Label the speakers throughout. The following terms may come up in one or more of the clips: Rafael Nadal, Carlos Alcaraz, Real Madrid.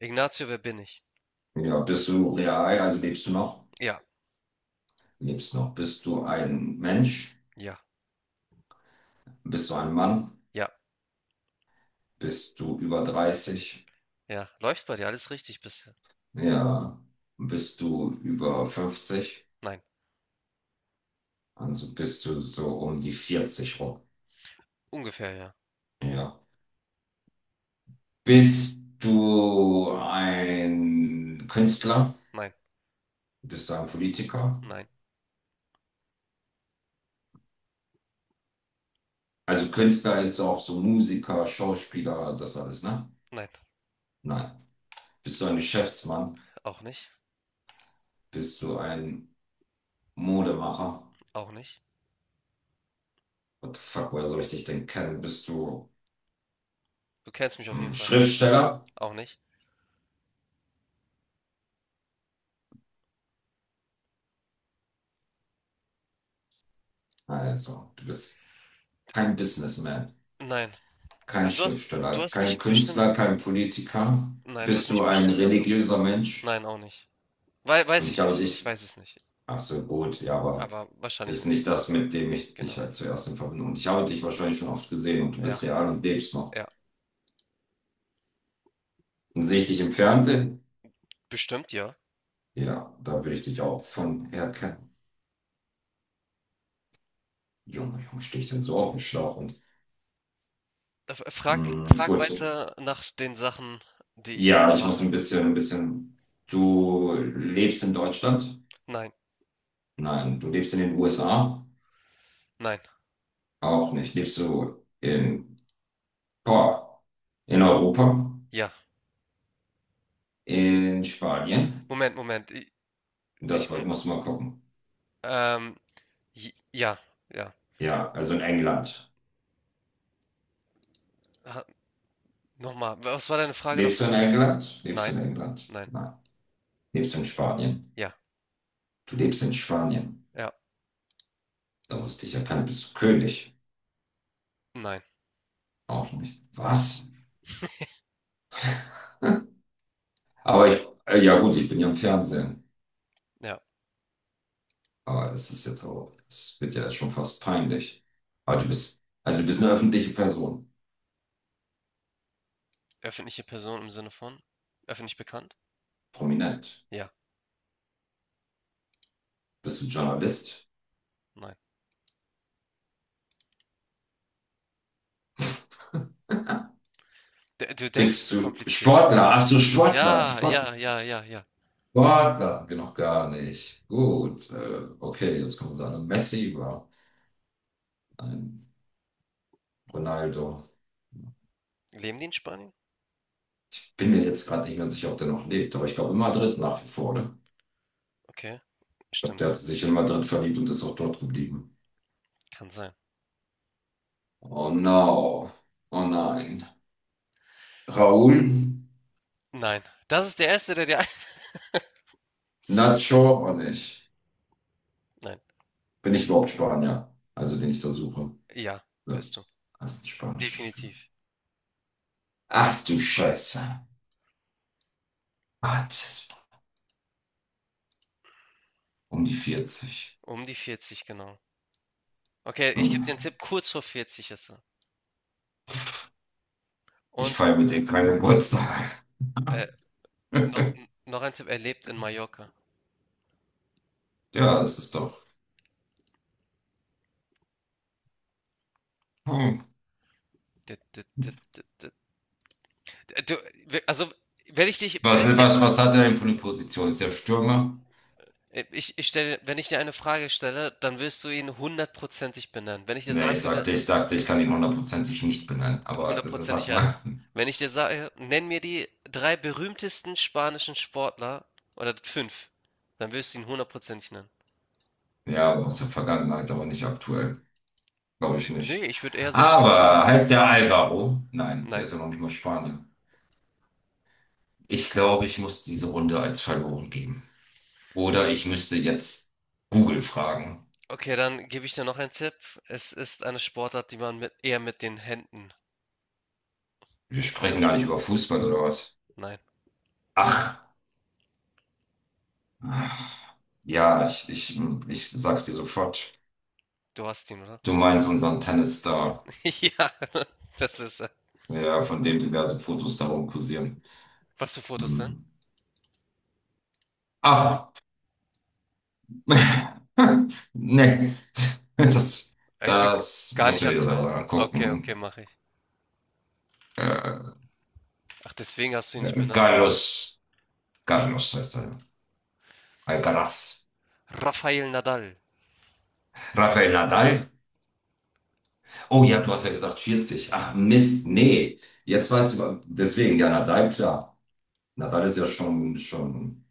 Speaker 1: Ignacio, wer bin ich?
Speaker 2: Ja, bist du real, also lebst du noch?
Speaker 1: Ja,
Speaker 2: Lebst noch. Bist du ein Mensch?
Speaker 1: ja,
Speaker 2: Bist du ein Mann?
Speaker 1: ja,
Speaker 2: Bist du über 30?
Speaker 1: ja. Läuft bei dir alles richtig bisher?
Speaker 2: Ja. Bist du über 50?
Speaker 1: Nein,
Speaker 2: Also bist du so um die 40 rum.
Speaker 1: ungefähr ja.
Speaker 2: Ja. Bist du ein Künstler?
Speaker 1: Nein,
Speaker 2: Bist du ein Politiker?
Speaker 1: nein,
Speaker 2: Also Künstler ist auch so Musiker, Schauspieler, das alles, ne?
Speaker 1: nein.
Speaker 2: Nein. Bist du ein Geschäftsmann?
Speaker 1: Auch nicht,
Speaker 2: Bist du ein Modemacher?
Speaker 1: auch nicht.
Speaker 2: What the fuck, woher soll ich dich denn kennen? Bist du
Speaker 1: Du kennst mich auf jeden
Speaker 2: ein
Speaker 1: Fall.
Speaker 2: Schriftsteller?
Speaker 1: Auch nicht.
Speaker 2: Also, du bist kein Businessman,
Speaker 1: Nein.
Speaker 2: kein
Speaker 1: Äh, Du hast, du
Speaker 2: Schriftsteller,
Speaker 1: hast
Speaker 2: kein
Speaker 1: mich bestimmt,
Speaker 2: Künstler, kein Politiker.
Speaker 1: nein, du hast
Speaker 2: Bist du
Speaker 1: mich
Speaker 2: ein
Speaker 1: bestimmt ganz oft
Speaker 2: religiöser
Speaker 1: gesehen.
Speaker 2: Mensch?
Speaker 1: Nein, auch nicht. Weiß
Speaker 2: Und ich
Speaker 1: ich
Speaker 2: habe
Speaker 1: nicht. Ich
Speaker 2: dich,
Speaker 1: weiß es nicht.
Speaker 2: ach so, gut, ja, aber
Speaker 1: Aber wahrscheinlich
Speaker 2: ist nicht
Speaker 1: nicht.
Speaker 2: das, mit dem ich dich
Speaker 1: Genau.
Speaker 2: halt zuerst in Verbindung. Und ich habe dich wahrscheinlich schon oft gesehen und du
Speaker 1: Ja,
Speaker 2: bist real und lebst noch.
Speaker 1: ja.
Speaker 2: Und sehe ich dich im Fernsehen?
Speaker 1: Bestimmt ja.
Speaker 2: Ja, da würde ich dich auch von her kennen. Junge, Junge, stehe ich denn so auf dem Schlauch? Und
Speaker 1: Frag,
Speaker 2: mh,
Speaker 1: frag
Speaker 2: gut,
Speaker 1: weiter nach den Sachen, die ich
Speaker 2: ja, ich muss
Speaker 1: mache.
Speaker 2: ein bisschen. Du lebst in Deutschland?
Speaker 1: Nein,
Speaker 2: Nein, du lebst in den USA?
Speaker 1: nein.
Speaker 2: Auch nicht. Lebst du in, boah, in Europa?
Speaker 1: Ja.
Speaker 2: In Spanien?
Speaker 1: Moment, Moment. Ich,
Speaker 2: Das musst du mal gucken.
Speaker 1: Ähm, ja, ja.
Speaker 2: Ja, also in England.
Speaker 1: Ha- Nochmal, was war deine Frage davor?
Speaker 2: Lebst du
Speaker 1: Nein,
Speaker 2: in England?
Speaker 1: nein,
Speaker 2: Nein. Lebst du in Spanien?
Speaker 1: ja,
Speaker 2: Du lebst in Spanien.
Speaker 1: ja,
Speaker 2: Da musste ich ja kein, bist du König?
Speaker 1: nein,
Speaker 2: Auch nicht. Was? Aber ich, ja gut, ich bin ja im Fernsehen.
Speaker 1: ja.
Speaker 2: Aber das ist jetzt auch, es wird ja schon fast peinlich. Aber du bist eine öffentliche Person,
Speaker 1: Öffentliche Person im Sinne von öffentlich bekannt?
Speaker 2: prominent.
Speaker 1: Ja,
Speaker 2: Bist du Journalist?
Speaker 1: nein. D Du denkst
Speaker 2: Bist
Speaker 1: zu
Speaker 2: du
Speaker 1: kompliziert.
Speaker 2: Sportler? Ach so,
Speaker 1: Ja, ja, ja, ja, ja.
Speaker 2: Sportler hatten wir noch gar nicht. Gut, okay, jetzt kommen wir sagen, Messi war ein Ronaldo.
Speaker 1: Leben die in Spanien?
Speaker 2: Ich bin mir jetzt gerade nicht mehr sicher, ob der noch lebt, aber ich glaube in Madrid nach wie vor, oder?
Speaker 1: Okay,
Speaker 2: Ich glaube, der
Speaker 1: stimmt,
Speaker 2: hat sich in Madrid verliebt und ist auch dort geblieben.
Speaker 1: kann sein.
Speaker 2: Oh no, oh nein. Raúl,
Speaker 1: Nein, das ist der Erste, der dir
Speaker 2: Nacho auch nicht.
Speaker 1: Nein,
Speaker 2: Bin ich überhaupt Spanier? Also den ich da suche.
Speaker 1: ja,
Speaker 2: Ja.
Speaker 1: bist du.
Speaker 2: Das ist ein spanischer Spieler.
Speaker 1: Definitiv.
Speaker 2: Ach du Scheiße. Ach, das ist um die 40.
Speaker 1: Um die vierzig genau. Okay, ich gebe dir einen
Speaker 2: Hm.
Speaker 1: Tipp, kurz vor 40 ist er.
Speaker 2: Ich
Speaker 1: Und
Speaker 2: feiere mit dem keinen Geburtstag.
Speaker 1: äh, noch, noch ein Tipp, er lebt in Mallorca.
Speaker 2: Ja, das ist doch. Hm.
Speaker 1: D d d d d du, we also, wenn ich dich
Speaker 2: Was,
Speaker 1: wenn ich dir
Speaker 2: was, was hat er denn für eine Position? Ist er Stürmer?
Speaker 1: ich ich stelle Wenn ich dir eine Frage stelle, dann wirst du ihn hundertprozentig benennen. Wenn ich dir
Speaker 2: Nee, ich
Speaker 1: sagen würde
Speaker 2: sagte, ich sagte, ich kann ihn hundertprozentig nicht benennen. Aber also,
Speaker 1: hundertprozentig,
Speaker 2: sag
Speaker 1: ja.
Speaker 2: mal.
Speaker 1: Wenn ich dir sage: „Nenn mir die 3 berühmtesten spanischen Sportler“ oder 5, dann wirst du ihn hundertprozentig nennen.
Speaker 2: Ja, aus der Vergangenheit, aber nicht aktuell. Glaube ich
Speaker 1: Ne,
Speaker 2: nicht.
Speaker 1: ich würde eher sagen
Speaker 2: Aber
Speaker 1: aktuell.
Speaker 2: heißt der Alvaro? Nein, der
Speaker 1: Nein.
Speaker 2: ist ja noch nicht mal Spanier. Ich glaube, ich muss diese Runde als verloren geben. Oder ich müsste jetzt Google fragen.
Speaker 1: Okay, dann gebe ich dir noch einen Tipp. Es ist eine Sportart, die man mit eher mit den Händen
Speaker 2: Wir
Speaker 1: auch
Speaker 2: sprechen gar
Speaker 1: spielt.
Speaker 2: nicht über Fußball oder was?
Speaker 1: Nein,
Speaker 2: Ach, ach, ja, ich sag's dir sofort.
Speaker 1: du hast ihn, oder?
Speaker 2: Du meinst unseren Tennisstar,
Speaker 1: Ja, das ist.
Speaker 2: ja, von dem diverse Fotos darum kursieren.
Speaker 1: Was für Fotos denn?
Speaker 2: Hm. Ach, nee, das,
Speaker 1: Ich bin
Speaker 2: das
Speaker 1: gar
Speaker 2: musst du
Speaker 1: nicht
Speaker 2: dir
Speaker 1: aktuell.
Speaker 2: selber
Speaker 1: Okay, okay,
Speaker 2: angucken.
Speaker 1: mache ich.
Speaker 2: Äh,
Speaker 1: Ach, deswegen hast du ihn nicht benannt, weil du
Speaker 2: Carlos, Carlos heißt er. Alcaraz.
Speaker 1: Rafael Nadal.
Speaker 2: Rafael Nadal. Oh ja, du hast ja gesagt 40. Ach Mist, nee. Jetzt weißt du, deswegen, ja, Nadal, klar. Nadal ist ja schon,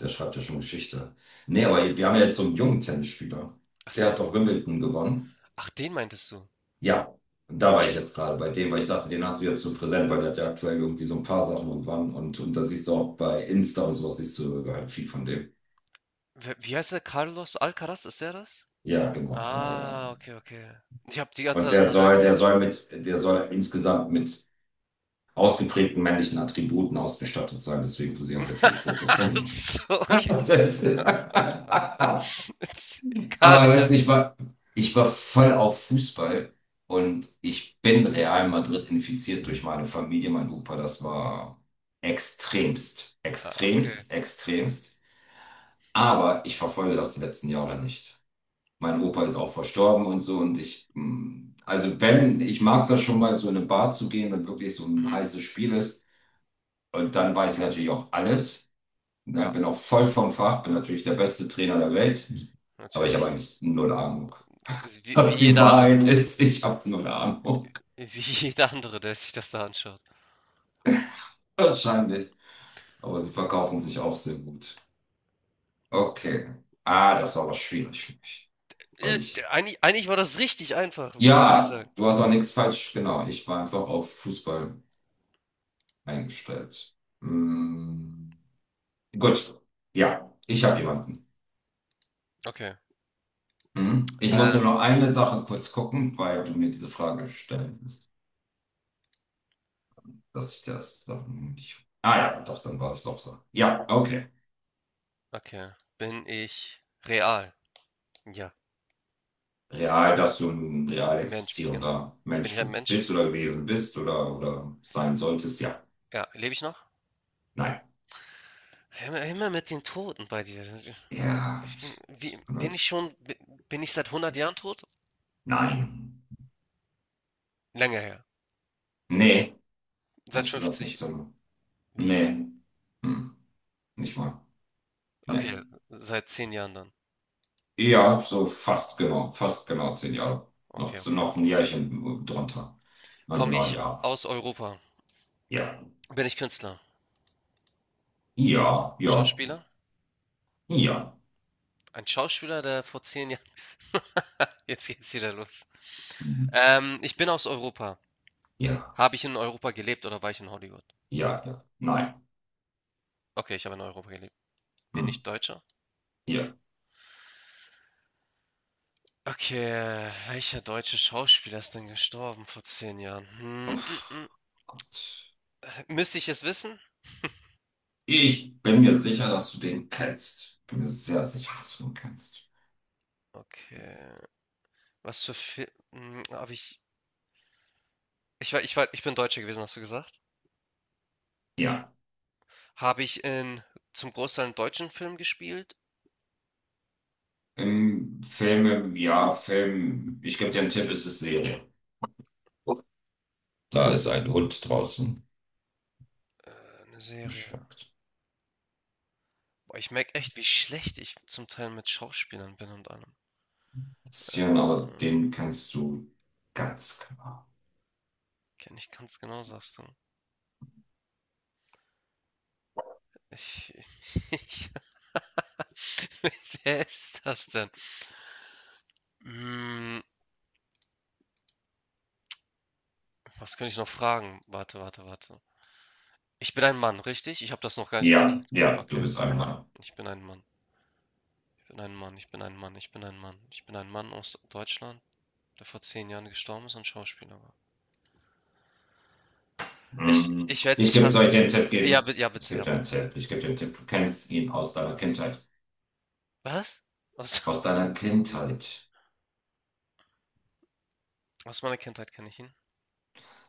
Speaker 2: der schreibt ja schon Geschichte. Nee, aber wir haben ja jetzt so einen jungen Tennisspieler.
Speaker 1: Ach
Speaker 2: Der hat
Speaker 1: so,
Speaker 2: doch Wimbledon gewonnen.
Speaker 1: ach, den meintest du.
Speaker 2: Ja, da war ich jetzt gerade bei dem, weil ich dachte, den hast du jetzt so präsent, weil der hat ja aktuell irgendwie so ein paar Sachen und wann und da siehst du auch bei Insta und sowas, siehst du halt viel von dem.
Speaker 1: Wie heißt der? Carlos Alcaraz, ist der das?
Speaker 2: Ja, genau, genau, genau.
Speaker 1: Ah,
Speaker 2: genau.
Speaker 1: okay, okay. Ich habe die ganze
Speaker 2: Und
Speaker 1: Zeit an
Speaker 2: der
Speaker 1: Nadal
Speaker 2: soll, der
Speaker 1: gedacht.
Speaker 2: soll mit, der soll insgesamt mit ausgeprägten männlichen Attributen ausgestattet sein. Deswegen posieren sehr viele Fotos
Speaker 1: Ach
Speaker 2: von ihm.
Speaker 1: so, okay.
Speaker 2: Das, aber
Speaker 1: Gar nicht
Speaker 2: weißt
Speaker 1: an.
Speaker 2: du, ich war voll auf Fußball und ich bin Real Madrid infiziert durch meine Familie, mein Opa. Das war extremst,
Speaker 1: Ah, okay.
Speaker 2: extremst, extremst. Aber ich verfolge das die letzten Jahre nicht. Mein Opa ist auch verstorben und so und ich, also wenn, ich mag das schon mal so in eine Bar zu gehen, wenn wirklich so ein
Speaker 1: Mhm.
Speaker 2: heißes Spiel ist. Und dann weiß ich natürlich auch alles. Ne?
Speaker 1: Ja,
Speaker 2: Bin auch voll vom Fach, bin natürlich der beste Trainer der Welt. Aber ich habe
Speaker 1: natürlich.
Speaker 2: eigentlich null Ahnung,
Speaker 1: Ist Wie, wie
Speaker 2: was die
Speaker 1: jeder andere.
Speaker 2: Wahrheit ist. Ich habe null Ahnung.
Speaker 1: Wie jeder andere, der sich das da anschaut.
Speaker 2: Wahrscheinlich. Aber sie verkaufen sich auch sehr gut. Okay. Ah, das war aber schwierig für mich.
Speaker 1: Ja,
Speaker 2: Weil ich.
Speaker 1: eigentlich, eigentlich war das richtig einfach, würde ich sagen.
Speaker 2: Ja, du hast auch nichts falsch. Genau. Ich war einfach auf Fußball eingestellt. Mm, gut. Ja, ich habe jemanden.
Speaker 1: Okay.
Speaker 2: Mhm. Ich muss nur
Speaker 1: Ähm,
Speaker 2: noch eine Sache kurz gucken, weil du mir diese Frage stellen willst, dass ich das doch nicht. Ah ja, doch, dann war es doch so. Ja, okay.
Speaker 1: Okay. Bin ich real? Ja,
Speaker 2: Real, dass du ein real
Speaker 1: Mensch, genau.
Speaker 2: existierender
Speaker 1: Bin ich
Speaker 2: Mensch
Speaker 1: ein Mensch?
Speaker 2: bist oder gewesen bist oder sein solltest, ja.
Speaker 1: Ja, lebe ich noch?
Speaker 2: Nein.
Speaker 1: Immer, immer mit den Toten bei dir.
Speaker 2: Ja,
Speaker 1: Ich bin, wie, bin ich
Speaker 2: Gott.
Speaker 1: schon, Bin ich seit 100 Jahren tot?
Speaker 2: Nein.
Speaker 1: Länger her.
Speaker 2: Nee,
Speaker 1: Seit
Speaker 2: ehrlich gesagt nicht
Speaker 1: 50.
Speaker 2: so.
Speaker 1: Wie?
Speaker 2: Nee. Hm. Nicht mal. Nee.
Speaker 1: Okay, seit 10 Jahren dann.
Speaker 2: Ja, so fast genau 10 Jahre. Noch,
Speaker 1: Okay, okay,
Speaker 2: noch ein
Speaker 1: okay.
Speaker 2: Jährchen drunter. Also
Speaker 1: Komme
Speaker 2: neun
Speaker 1: ich
Speaker 2: Jahre.
Speaker 1: aus Europa?
Speaker 2: Ja,
Speaker 1: Bin ich Künstler?
Speaker 2: ja, ja,
Speaker 1: Schauspieler?
Speaker 2: ja,
Speaker 1: Ein Schauspieler, der vor 10 Jahren. Jetzt geht's wieder los.
Speaker 2: mhm.
Speaker 1: Ich bin aus Europa.
Speaker 2: Ja,
Speaker 1: Habe ich in Europa gelebt oder war ich in Hollywood?
Speaker 2: ja, ja, nein,
Speaker 1: Okay, ich habe in Europa gelebt. Bin
Speaker 2: hm,
Speaker 1: ich Deutscher?
Speaker 2: ja.
Speaker 1: Okay, welcher deutsche Schauspieler ist denn gestorben vor 10 Jahren? Hm, mm, mm.
Speaker 2: Uff, Gott.
Speaker 1: Müsste ich es wissen?
Speaker 2: Ich bin mir sicher, dass du den kennst. Bin mir sehr sicher, dass du den kennst.
Speaker 1: Okay, was für Film habe ich? Ich bin Deutscher gewesen, hast du gesagt?
Speaker 2: Ja,
Speaker 1: Habe ich in zum Großteil einen deutschen Film gespielt?
Speaker 2: im Film, ja, Film, ich gebe dir einen Tipp, es ist Serie. Oh, da ist ein Hund draußen.
Speaker 1: Eine Serie.
Speaker 2: Schmeckt.
Speaker 1: Boah, ich merke echt, wie schlecht ich zum Teil mit Schauspielern bin und allem.
Speaker 2: Bisschen,
Speaker 1: Äh,
Speaker 2: aber den kennst du ganz klar.
Speaker 1: Kenne ich ganz genau, sagst du. Ich, ich, wer ist das denn? Mm, was kann ich noch fragen? Warte, warte, warte. Ich bin ein Mann, richtig? Ich habe das noch gar nicht gefragt.
Speaker 2: Ja, ja, du
Speaker 1: Okay,
Speaker 2: bist einmal.
Speaker 1: ich bin ein Mann. Ich bin ein Mann, ich bin ein Mann, ich bin ein Mann. Ich bin ein Mann aus Deutschland, der vor 10 Jahren gestorben ist und Schauspieler war. Ich,
Speaker 2: Hm.
Speaker 1: ich werde es
Speaker 2: Ich
Speaker 1: nicht
Speaker 2: gebe, soll
Speaker 1: lassen.
Speaker 2: ich dir einen Tipp
Speaker 1: Ja,
Speaker 2: geben?
Speaker 1: bitte, ja,
Speaker 2: Ich
Speaker 1: bitte,
Speaker 2: gebe
Speaker 1: ja,
Speaker 2: dir einen
Speaker 1: bitte.
Speaker 2: Tipp. Ich gebe dir einen Tipp. Du kennst ihn aus deiner Kindheit.
Speaker 1: Was? Aus,
Speaker 2: Aus deiner Kindheit.
Speaker 1: aus meiner Kindheit kenne ich ihn.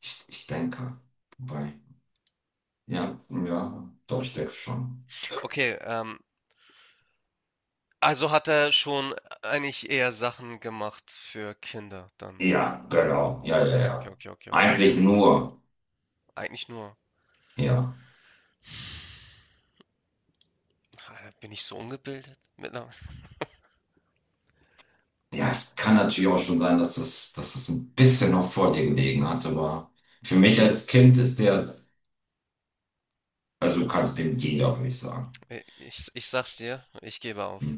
Speaker 2: Ich denke. Wobei. Ja, ja, doch, ich denke schon.
Speaker 1: Okay, also hat er schon eigentlich eher Sachen gemacht für Kinder dann.
Speaker 2: Ja, genau. Ja, ja,
Speaker 1: Okay, okay,
Speaker 2: ja.
Speaker 1: okay, okay, okay.
Speaker 2: Eigentlich nur.
Speaker 1: Eigentlich nur,
Speaker 2: Ja.
Speaker 1: ah, bin ich so ungebildet?
Speaker 2: Ja, es kann natürlich auch schon sein, dass es ein bisschen noch vor dir gelegen hat, aber für mich als Kind ist der, also kannst du dem jeder, würde ich sagen.
Speaker 1: Ich sag's dir, ich gebe auf.